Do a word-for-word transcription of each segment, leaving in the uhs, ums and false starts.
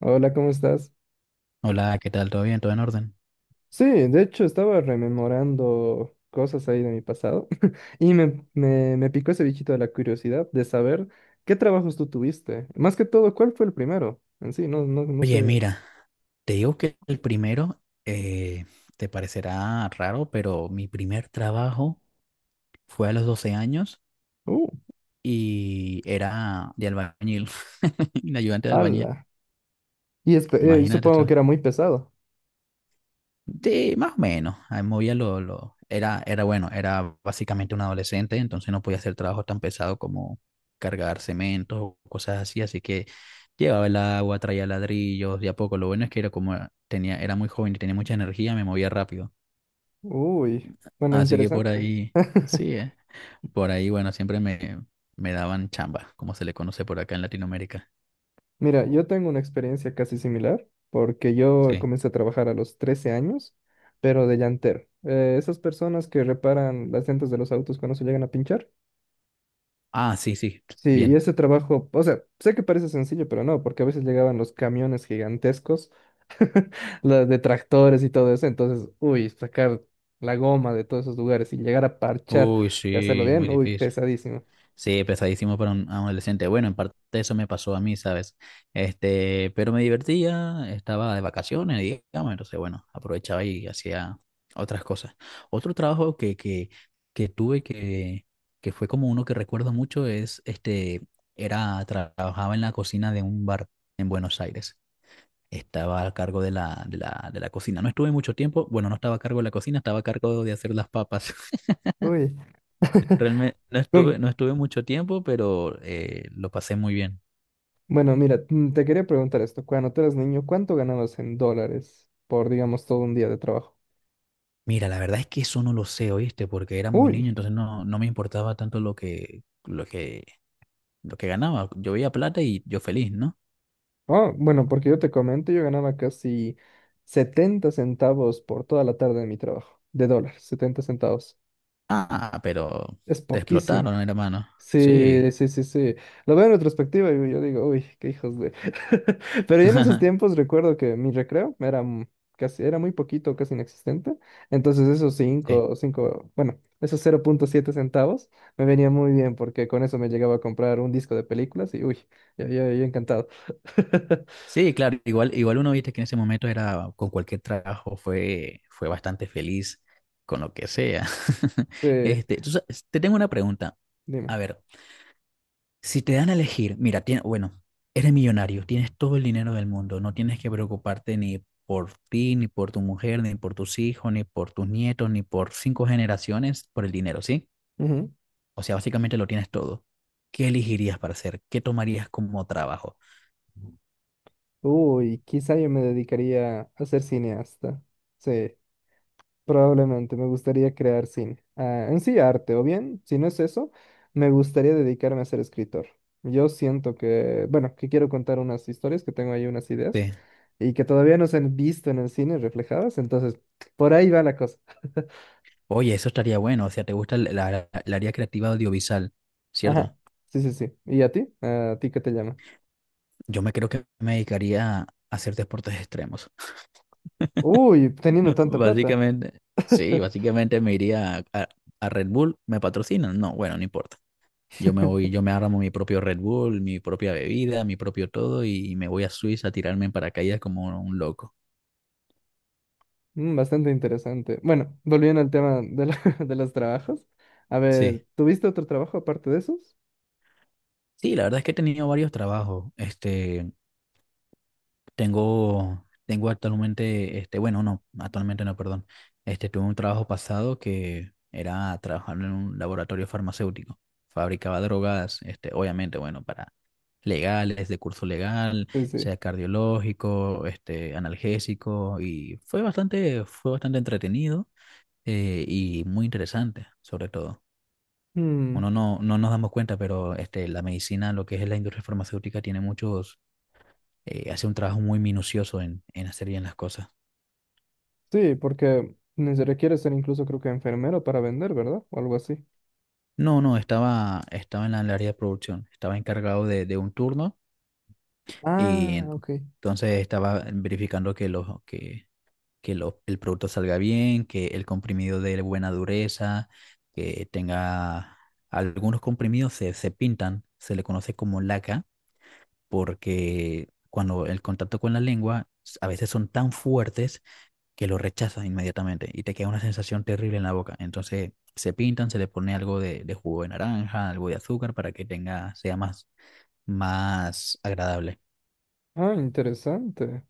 Hola, ¿cómo estás? Hola, ¿qué tal? ¿Todo bien? ¿Todo en orden? Sí, de hecho estaba rememorando cosas ahí de mi pasado y me, me, me picó ese bichito de la curiosidad de saber qué trabajos tú tuviste. Más que todo, ¿cuál fue el primero? En sí, no, no, no Oye, sé. mira, te digo que el primero eh, te parecerá raro, pero mi primer trabajo fue a los doce años Uh, y era de albañil, de ayudante de albañil. ala. Y espe- eh, Imagínate supongo tú. que era muy pesado. Sí, más o menos. Ahí movía lo, lo- Era, era bueno, era básicamente un adolescente, entonces no podía hacer trabajo tan pesado como cargar cementos o cosas así, así que llevaba el agua, traía ladrillos, de a poco. Lo bueno es que era como tenía, era muy joven y tenía mucha energía, me movía rápido. Uy, bueno, Así que por interesante. ahí, sí, eh, por ahí, bueno, siempre me, me daban chamba, como se le conoce por acá en Latinoamérica. Mira, yo tengo una experiencia casi similar porque yo Sí. comencé a trabajar a los trece años, pero de llantero. Eh, esas personas que reparan las llantas de los autos cuando se llegan a pinchar. Ah, sí, sí. Sí, y Bien. ese trabajo, o sea, sé que parece sencillo, pero no, porque a veces llegaban los camiones gigantescos, los de tractores y todo eso, entonces, uy, sacar la goma de todos esos lugares y llegar a parchar Uy, y hacerlo sí, muy bien, uy, difícil. pesadísimo. Sí, pesadísimo para un adolescente. Bueno, en parte eso me pasó a mí, ¿sabes? Este, pero me divertía, estaba de vacaciones, digamos, entonces, bueno, aprovechaba y hacía otras cosas. Otro trabajo que, que, que tuve que, que fue como uno que recuerdo mucho es, este, era, tra- trabajaba en la cocina de un bar en Buenos Aires. Estaba a cargo de la, de la, de la cocina. No estuve mucho tiempo, bueno, no estaba a cargo de la cocina, estaba a cargo de hacer las papas. Uy. Realmente no estuve, Con- no estuve mucho tiempo, pero eh, lo pasé muy bien. Bueno, mira, mm, te quería preguntar esto, cuando tú eras niño, ¿cuánto ganabas en dólares por, digamos, todo un día de trabajo? Mira, la verdad es que eso no lo sé, ¿oíste? Porque era muy Uy, niño, entonces no, no me importaba tanto lo que, lo que, lo que ganaba. Yo veía plata y yo feliz, ¿no? ah, bueno, porque yo te comento, yo ganaba casi setenta centavos por toda la tarde de mi trabajo, de dólares, setenta centavos. Ah, pero Es te poquísimo. explotaron, hermano. Sí, Sí. sí, sí, sí. Lo veo en retrospectiva y yo digo, uy, qué hijos de... Pero yo en esos tiempos recuerdo que mi recreo era m- casi, era muy poquito, casi inexistente. Entonces esos Sí. cinco, cinco, bueno, esos cero punto siete centavos me venía muy bien porque con eso me llegaba a comprar un disco de películas y uy, yo, yo, yo encantado. Sí, claro, igual, igual uno viste que en ese momento era con cualquier trabajo fue, fue bastante feliz con lo que sea. Sí, Este, tú sa- te tengo una pregunta. dime. A ver, si te dan a elegir, mira, tiene- bueno, eres millonario, tienes todo el dinero del mundo, no tienes que preocuparte ni por ti, ni por tu mujer, ni por tus hijos, ni por tus nietos, ni por cinco generaciones por el dinero, ¿sí? Ujú. O sea, básicamente lo tienes todo. ¿Qué elegirías para hacer? ¿Qué tomarías como trabajo? Uy, quizá yo me dedicaría a ser cineasta. Sí. Probablemente me gustaría crear cine. Ah, en sí, arte, o bien, si no es eso, me gustaría dedicarme a ser escritor. Yo siento que, bueno, que quiero contar unas historias, que tengo ahí unas ideas Sí. y que todavía no se han visto en el cine reflejadas, entonces por ahí va la cosa. Oye, eso estaría bueno. O sea, te gusta el, la- la- el área creativa audiovisual, ¿cierto? Ajá, sí, sí, sí. ¿Y a ti? ¿A ti qué te llama? Yo me creo que me dedicaría a hacer deportes extremos. Uy, teniendo tanta plata. Básicamente, sí, básicamente me iría a, a- a Red Bull, ¿me patrocinan? No, bueno, no importa. Yo me voy, yo me armo mi propio Red Bull, mi propia bebida, mi propio todo y me voy a Suiza a tirarme en paracaídas como un loco. Mm, Bastante interesante. Bueno, volviendo al tema de, la- de los trabajos. A ver, Sí. ¿tuviste otro trabajo aparte de esos? Sí, la verdad es que he tenido varios trabajos. Este, tengo, tengo actualmente, este, bueno, no, actualmente no, perdón. Este, tuve un trabajo pasado que era trabajar en un laboratorio farmacéutico. Fabricaba drogas, este, obviamente, bueno, para legales, de curso legal, Sí, sí. sea cardiológico, este, analgésico, y fue bastante, fue bastante entretenido eh, y muy interesante, sobre todo. Mm. Uno no, no nos damos cuenta, pero este, la medicina, lo que es la industria farmacéutica, tiene muchos, eh, hace un trabajo muy minucioso en, en hacer bien las cosas. Sí, porque ni se requiere ser incluso creo que enfermero para vender, ¿verdad? O algo así. No, no, estaba, estaba en la- el área de producción, estaba encargado de, de un turno y Ah, ok. entonces estaba verificando que los, que que lo- el producto salga bien, que el comprimido de buena dureza, que tenga algunos comprimidos se, se pintan, se le conoce como laca, porque cuando el contacto con la lengua s- a veces son tan fuertes que lo rechazas inmediatamente y te queda una sensación terrible en la boca. Entonces se pintan, se le pone algo de, de jugo de naranja, algo de azúcar para que tenga, sea más, más agradable. Ah, interesante.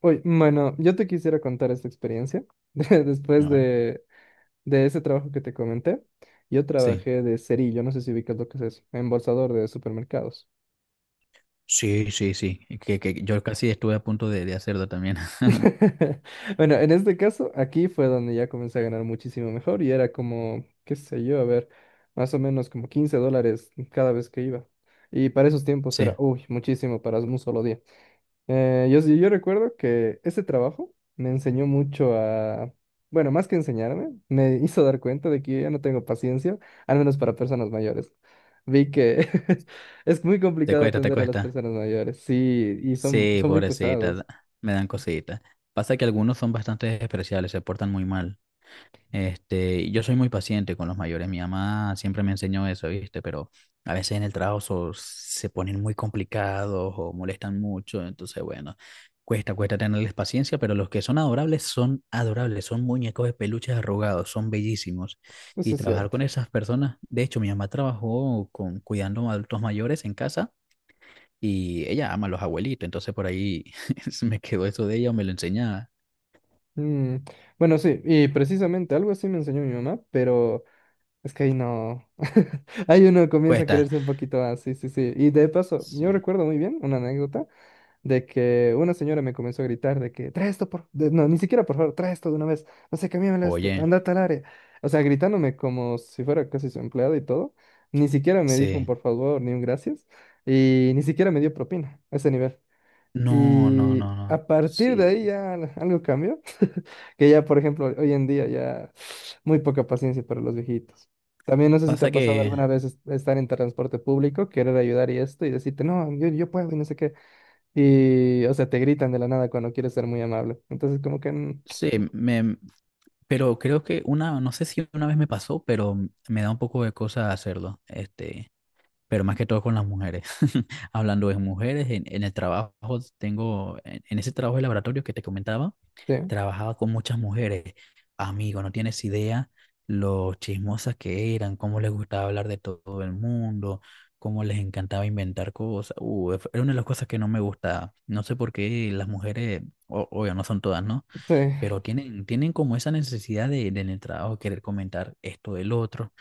Oye, bueno, yo te quisiera contar esta experiencia. De- Después ¿No? de, de ese trabajo que te comenté, yo Sí. trabajé de cerillo, no sé si ubicas lo que es eso, embolsador de supermercados. Sí, sí, sí. Que, que yo casi estuve a punto de, de hacerlo también. Bueno, en este caso, aquí fue donde ya comencé a ganar muchísimo mejor y era como, qué sé yo, a ver, más o menos como quince dólares cada vez que iba. Y para esos tiempos era, Sí. uy, muchísimo para un solo día. Eh, yo, sí- yo recuerdo que ese trabajo me enseñó mucho a, bueno, más que enseñarme, me hizo dar cuenta de que yo ya no tengo paciencia, al menos para personas mayores. Vi que es muy Te complicado cuesta, te atender a las cuesta. personas mayores, sí, y son, Sí, son muy pobrecita, pesados. da- me dan cositas. Pasa que algunos son bastante especiales, se portan muy mal. Este, yo soy muy paciente con los mayores. Mi mamá siempre me enseñó eso, ¿viste? Pero a veces en el trabajo so- se ponen muy complicados o molestan mucho. Entonces, bueno, cuesta, cuesta tenerles paciencia, pero los que son adorables son adorables, son muñecos de peluches arrugados, son bellísimos. Eso Y es trabajar cierto. con esas personas, de hecho, mi mamá trabajó con, cuidando a adultos mayores en casa y ella ama a los abuelitos, entonces por ahí se me quedó eso de ella o me lo enseñaba. Mm, Bueno, sí, y precisamente algo así me enseñó mi mamá, pero es que ahí no. Ahí uno comienza a Cuesta. quererse un poquito más, sí, sí, sí. Y de paso, yo Sí. recuerdo muy bien una anécdota de que una señora me comenzó a gritar de que trae esto por. de- No, ni siquiera por favor, trae esto de una vez. No sé, cámbiamelo esto, Oye, anda a tal área. O sea, gritándome como si fuera casi su empleada y todo. Ni siquiera me dijo un sí. por favor ni un gracias. Y ni siquiera me dio propina a ese nivel. No, no, Y no, no. a partir de ahí Sí. ya al- algo cambió. Que ya, por ejemplo, hoy en día ya muy poca paciencia para los viejitos. También no sé si te Pasa ha pasado que, alguna vez es- estar en transporte público, querer ayudar y esto, y decirte, no, yo, yo puedo y no sé qué. Y, o sea, te gritan de la nada cuando quieres ser muy amable. Entonces, como que, mm, sí, me, pero creo que una, no sé si una vez me pasó, pero me da un poco de cosa hacerlo, este, pero más que todo con las mujeres. Hablando de mujeres, en, en el trabajo tengo, en, en ese trabajo de laboratorio que te comentaba, sí, trabajaba con muchas mujeres. Amigo, no tienes idea lo chismosas que eran, cómo les gustaba hablar de todo el mundo, cómo les encantaba inventar cosas. Uh, era una de las cosas que no me gustaba. No sé por qué las mujeres, o- obvio, no son todas, ¿no? sí. Pero tienen, tienen como esa necesidad de, de en el trabajo querer comentar esto del otro,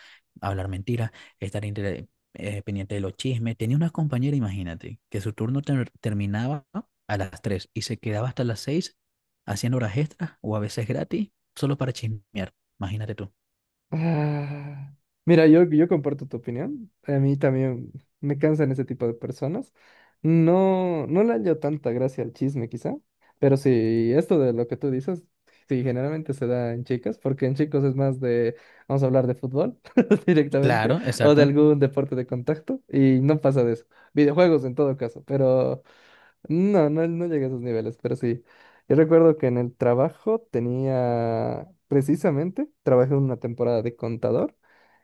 hablar mentiras, estar inter- eh, pendiente de los chismes. Tenía una compañera, imagínate, que su turno ter- terminaba a las tres y se quedaba hasta las seis haciendo horas extras o a veces gratis, solo para chismear. Imagínate tú. Ah, mira, yo, yo comparto tu opinión. A mí también me cansan ese tipo de personas. No, no le hallo tanta gracia al chisme, quizá. Pero sí, esto de lo que tú dices, sí, generalmente se da en chicas, porque en chicos es más de, vamos a hablar de fútbol directamente, Claro, o de exacto. algún deporte de contacto, y no pasa de eso. Videojuegos en todo caso, pero no, no, no llegué a esos niveles, pero sí. Yo recuerdo que en el trabajo tenía, precisamente, trabajé una temporada de contador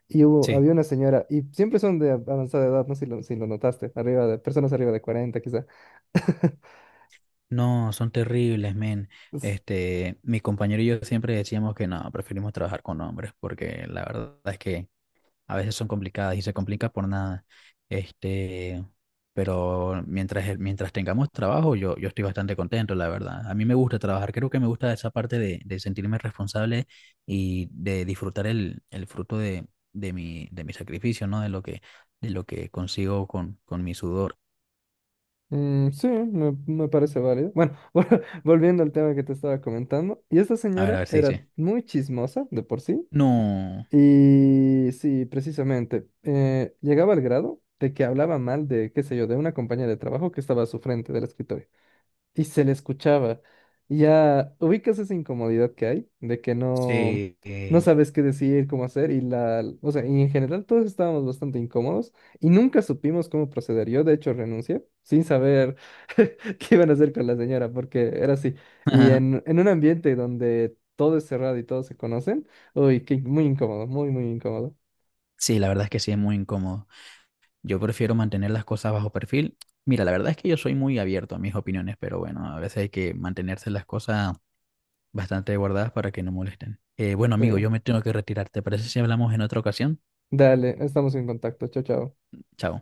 y hubo, Sí. había una señora, y siempre son de avanzada edad, no sé si lo, si lo notaste, arriba de, personas arriba de cuarenta quizá. No, son terribles, men. Es- Este, mi compañero y yo siempre decíamos que no, preferimos trabajar con hombres, porque la verdad es que a veces son complicadas y se complica por nada. Este, pero mientras, el- mientras tengamos trabajo, yo, yo estoy bastante contento, la verdad. A mí me gusta trabajar, creo que me gusta esa parte de, de sentirme responsable y de disfrutar el, el fruto de, de mi, de mi sacrificio, ¿no? De lo que, de lo que consigo con, con mi sudor. mm, sí, me, me parece válido. Bueno, vol- volviendo al tema que te estaba comentando, y esta A ver, a señora ver si era dice. muy chismosa de por sí. No, Y sí, precisamente, eh, llegaba al grado de que hablaba mal de, qué sé yo, de una compañera de trabajo que estaba a su frente del escritorio y se le escuchaba. Y ya ubicas esa incomodidad que hay de que no, sí. no eh, sabes qué decir, cómo hacer y la, o sea, y en general todos estábamos bastante incómodos y nunca supimos cómo proceder. Yo de hecho renuncié sin saber qué iban a hacer con la señora porque era así. Y en, en un ambiente donde todo es cerrado y todos se conocen, uy, qué, muy incómodo, muy, muy incómodo. Sí, la verdad es que sí es muy incómodo. Yo prefiero mantener las cosas bajo perfil. Mira, la verdad es que yo soy muy abierto a mis opiniones, pero bueno, a veces hay que mantenerse las cosas bastante guardadas para que no molesten. Eh, bueno, amigo, Sí. yo me tengo que retirar. ¿Te parece si hablamos en otra ocasión? Dale, estamos en contacto. Chao, chao. Chao.